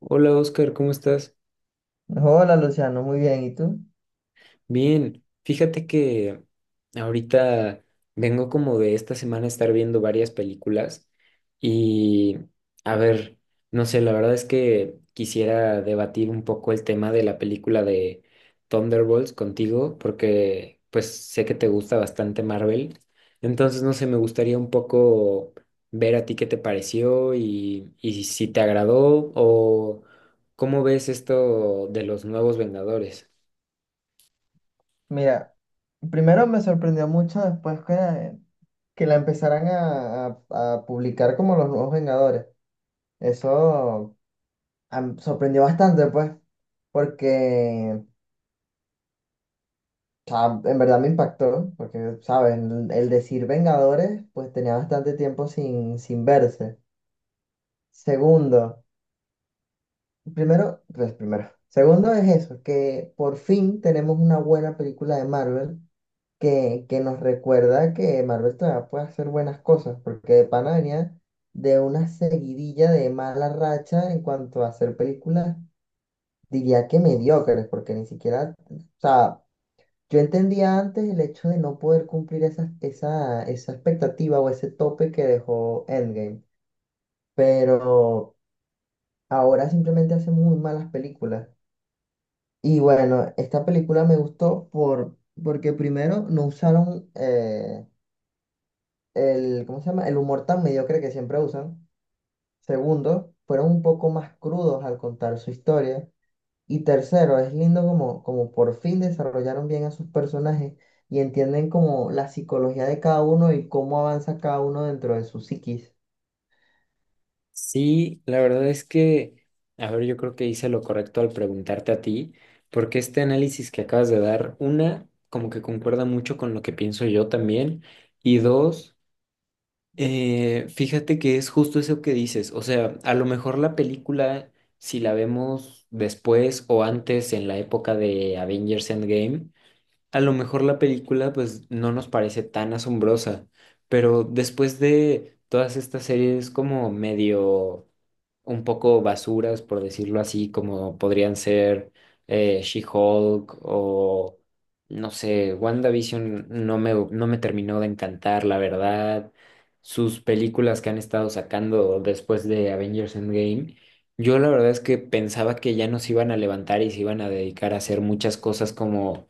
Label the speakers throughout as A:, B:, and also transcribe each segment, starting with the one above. A: Hola Oscar, ¿cómo estás?
B: Hola Luciano, muy bien. ¿Y tú?
A: Bien, fíjate que ahorita vengo como de esta semana estar viendo varias películas y a ver, no sé, la verdad es que quisiera debatir un poco el tema de la película de Thunderbolts contigo porque pues sé que te gusta bastante Marvel, entonces no sé, me gustaría un poco ver a ti qué te pareció y si te agradó o cómo ves esto de los nuevos Vengadores.
B: Mira, primero me sorprendió mucho después que la empezaran a publicar como los nuevos Vengadores. Eso sorprendió bastante, pues, porque o sea, en verdad me impactó, porque, ¿sabes? El decir Vengadores, pues tenía bastante tiempo sin verse. Segundo, primero, pues primero. Segundo es eso, que por fin tenemos una buena película de Marvel que nos recuerda que Marvel todavía puede hacer buenas cosas, porque de pana venía de una seguidilla de mala racha en cuanto a hacer películas, diría que mediocres, porque ni siquiera, o sea, yo entendía antes el hecho de no poder cumplir esa expectativa o ese tope que dejó Endgame, pero ahora simplemente hace muy malas películas. Y bueno, esta película me gustó porque primero no usaron el, ¿cómo se llama? El humor tan mediocre que siempre usan. Segundo, fueron un poco más crudos al contar su historia. Y tercero, es lindo como por fin desarrollaron bien a sus personajes y entienden como la psicología de cada uno y cómo avanza cada uno dentro de su psiquis.
A: Sí, la verdad es que, a ver, yo creo que hice lo correcto al preguntarte a ti, porque este análisis que acabas de dar, una, como que concuerda mucho con lo que pienso yo también, y dos, fíjate que es justo eso que dices, o sea, a lo mejor la película, si la vemos después o antes en la época de Avengers Endgame, a lo mejor la película pues no nos parece tan asombrosa, pero después de todas estas series como medio un poco basuras, por decirlo así, como podrían ser She-Hulk o, no sé, WandaVision no me terminó de encantar, la verdad. Sus películas que han estado sacando después de Avengers Endgame, yo la verdad es que pensaba que ya nos iban a levantar y se iban a dedicar a hacer muchas cosas como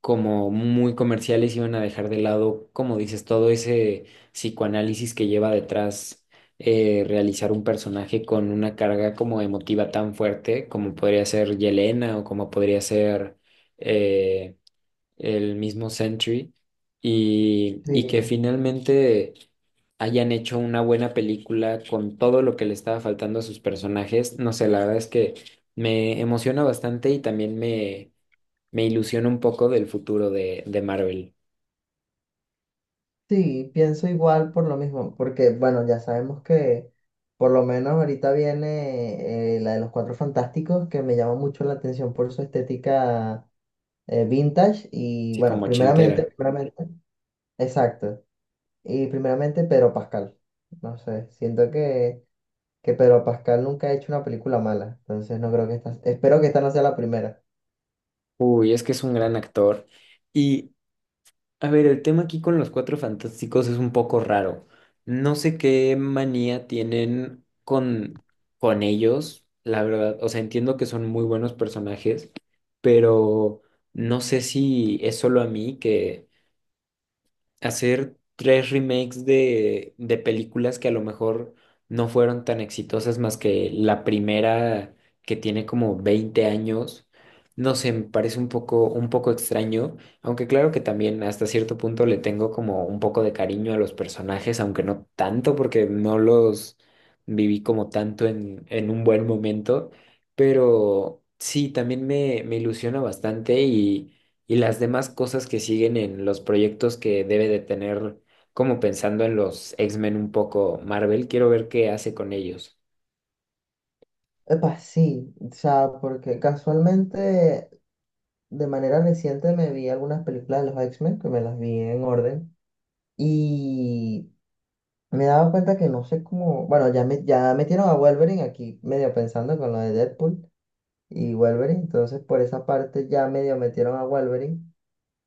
A: como muy comerciales iban a dejar de lado, como dices, todo ese psicoanálisis que lleva detrás realizar un personaje con una carga como emotiva tan fuerte como podría ser Yelena o como podría ser eh, el mismo Sentry y que
B: Sí,
A: finalmente hayan hecho una buena película con todo lo que le estaba faltando a sus personajes. No sé, la verdad es que me emociona bastante y también me ilusiona un poco del futuro de Marvel,
B: sí, pienso igual por lo mismo, porque bueno, ya sabemos que por lo menos ahorita viene la de los Cuatro Fantásticos, que me llama mucho la atención por su estética vintage y
A: sí,
B: bueno,
A: como ochentera.
B: primeramente, exacto. Y primeramente Pedro Pascal. No sé, que Pedro Pascal nunca ha hecho una película mala, entonces no creo que esta, espero que esta no sea la primera.
A: Uy, es que es un gran actor. Y, a ver, el tema aquí con los Cuatro Fantásticos es un poco raro. No sé qué manía tienen con ellos, la verdad. O sea, entiendo que son muy buenos personajes, pero no sé si es solo a mí que hacer tres remakes de películas que a lo mejor no fueron tan exitosas más que la primera que tiene como 20 años. No sé, me parece un poco extraño, aunque claro que también hasta cierto punto le tengo como un poco de cariño a los personajes, aunque no tanto porque no los viví como tanto en un buen momento, pero sí, también me ilusiona bastante y las demás cosas que siguen en los proyectos que debe de tener, como pensando en los X-Men un poco Marvel, quiero ver qué hace con ellos.
B: Epa, sí, o sea, porque casualmente de manera reciente me vi algunas películas de los X-Men, que me las vi en orden, y me daba cuenta que no sé cómo, bueno, ya metieron a Wolverine aquí medio pensando con lo de Deadpool y Wolverine. Entonces, por esa parte ya medio metieron a Wolverine,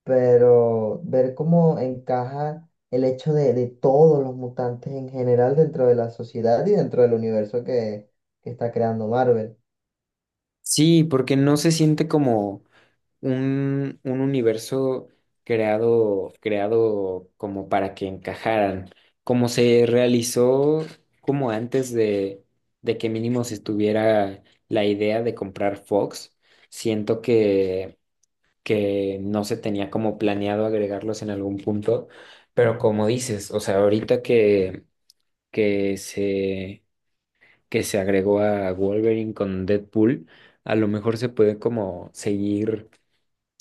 B: pero ver cómo encaja el hecho de todos los mutantes en general dentro de la sociedad y dentro del universo que está creando Marvel.
A: Sí, porque no se siente como un universo creado, creado como para que encajaran, como se realizó como antes de que mínimo se estuviera la idea de comprar Fox. Siento que no se tenía como planeado agregarlos en algún punto, pero como dices, o sea, ahorita que se, que se agregó a Wolverine con Deadpool, a lo mejor se puede como seguir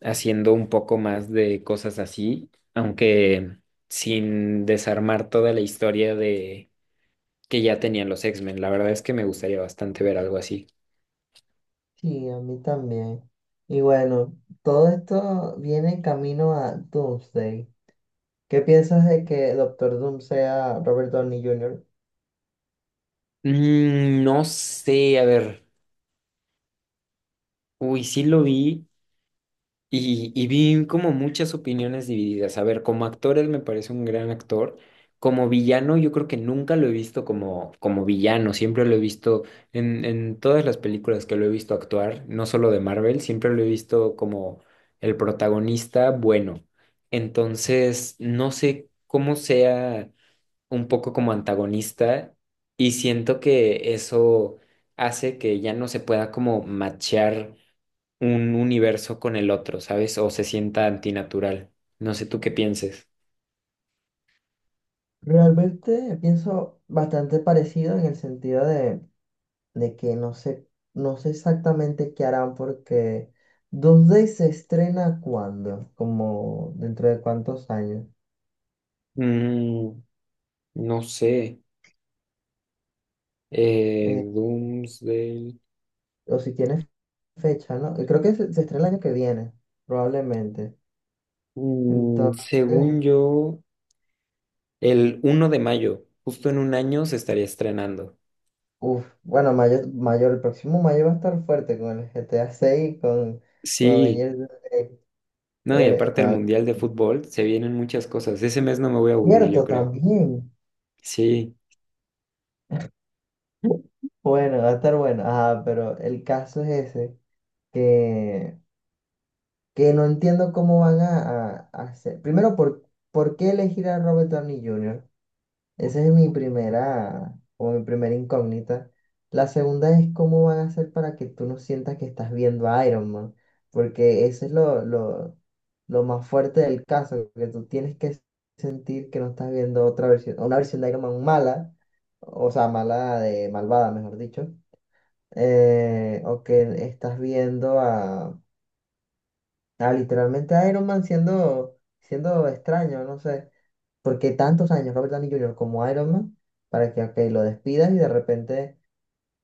A: haciendo un poco más de cosas así, aunque sin desarmar toda la historia de que ya tenían los X-Men. La verdad es que me gustaría bastante ver algo así.
B: Sí, a mí también. Y bueno, todo esto viene en camino a Doomsday. ¿Qué piensas de que Doctor Doom sea Robert Downey Jr.?
A: Mm, no sé, a ver, uy, sí lo vi. Y vi como muchas opiniones divididas. A ver, como actor él me parece un gran actor. Como villano yo creo que nunca lo he visto como, como villano. Siempre lo he visto en todas las películas que lo he visto actuar, no solo de Marvel, siempre lo he visto como el protagonista bueno. Entonces, no sé cómo sea un poco como antagonista y siento que eso hace que ya no se pueda como machear un universo con el otro, ¿sabes? O se sienta antinatural. No sé tú qué pienses.
B: Realmente pienso bastante parecido en el sentido de que no sé, no sé exactamente qué harán porque 2D se estrena cuándo, como dentro de cuántos años.
A: Mm, no sé.
B: Eh,
A: Doomsday.
B: o si tiene fecha, ¿no? Creo que se estrena el año que viene, probablemente.
A: Mm,
B: Entonces,
A: según yo, el 1 de mayo, justo en un año, se estaría estrenando.
B: uff, bueno, mayo, mayor, el próximo mayo va a estar fuerte con el GTA 6, con
A: Sí,
B: Avengers, eh,
A: no, y aparte
B: con
A: el
B: Avengers.
A: Mundial de Fútbol, se vienen muchas cosas. Ese mes no me voy a aburrir, yo
B: Cierto,
A: creo.
B: también.
A: Sí.
B: Bueno, va a estar bueno. Ah, pero el caso es ese, que no entiendo cómo van a hacer. Primero, por qué elegir a Robert Downey Jr.? Esa es mi primera, o mi primera incógnita. La segunda es cómo van a hacer para que tú no sientas que estás viendo a Iron Man, porque eso es lo más fuerte del caso, que tú tienes que sentir que no estás viendo otra versión, una versión de Iron Man mala, o sea, mala de malvada, mejor dicho, o que estás viendo a Ah, literalmente Iron Man siendo extraño, no sé. Porque tantos años Robert Downey Junior como Iron Man para que ok, lo despidas y de repente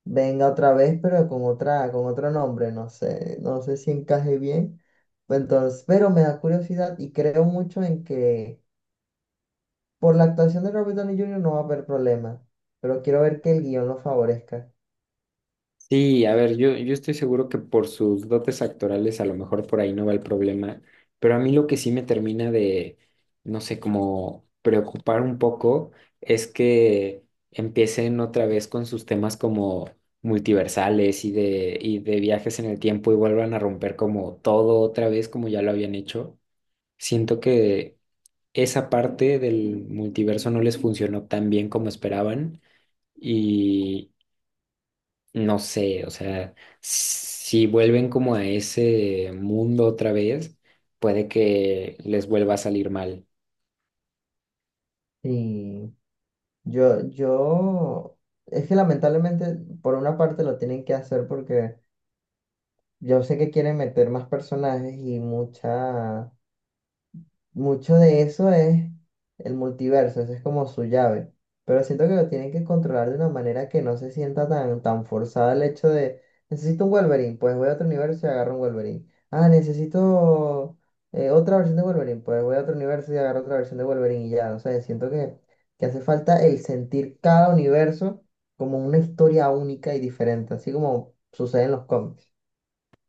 B: venga otra vez, pero con otra, con otro nombre, no sé, no sé si encaje bien. Entonces, pero me da curiosidad y creo mucho en que por la actuación de Robert Downey Junior no va a haber problema. Pero quiero ver que el guión lo favorezca.
A: Sí, a ver, yo estoy seguro que por sus dotes actorales a lo mejor por ahí no va el problema, pero a mí lo que sí me termina de, no sé, como preocupar un poco es que empiecen otra vez con sus temas como multiversales y de viajes en el tiempo y vuelvan a romper como todo otra vez como ya lo habían hecho. Siento que esa parte del multiverso no les funcionó tan bien como esperaban no sé, o sea, si vuelven como a ese mundo otra vez, puede que les vuelva a salir mal.
B: Y yo, es que lamentablemente por una parte lo tienen que hacer porque yo sé que quieren meter más personajes y mucho de eso es el multiverso, eso es como su llave. Pero siento que lo tienen que controlar de una manera que no se sienta tan forzada el hecho de, necesito un Wolverine, pues voy a otro universo y agarro un Wolverine. Ah, necesito otra versión de Wolverine, pues voy a otro universo y agarro otra versión de Wolverine y ya. O sea, que hace falta el sentir cada universo como una historia única y diferente, así como sucede en los cómics.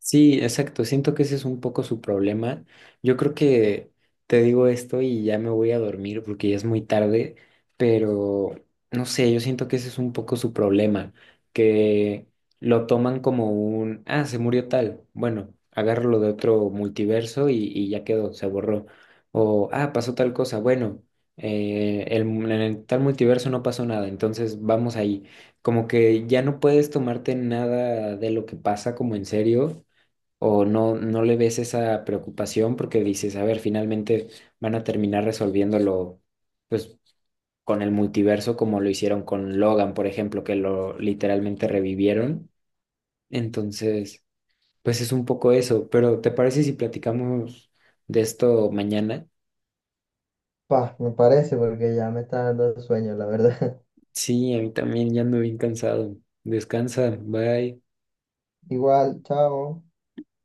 A: Sí, exacto. Siento que ese es un poco su problema. Yo creo que te digo esto y ya me voy a dormir porque ya es muy tarde, pero no sé, yo siento que ese es un poco su problema, que lo toman como un, ah, se murió tal. Bueno, agárralo de otro multiverso y ya quedó, se borró. O, ah, pasó tal cosa. Bueno, en el tal multiverso no pasó nada, entonces vamos ahí como que ya no puedes tomarte nada de lo que pasa como en serio o no le ves esa preocupación porque dices, a ver, finalmente van a terminar resolviéndolo, pues, con el multiverso como lo hicieron con Logan, por ejemplo, que lo literalmente revivieron. Entonces, pues es un poco eso, pero ¿te parece si platicamos de esto mañana?
B: Pa, me parece porque ya me está dando sueño, la verdad.
A: Sí, a mí también ya ando bien cansado. Descansa, bye.
B: Igual, chao.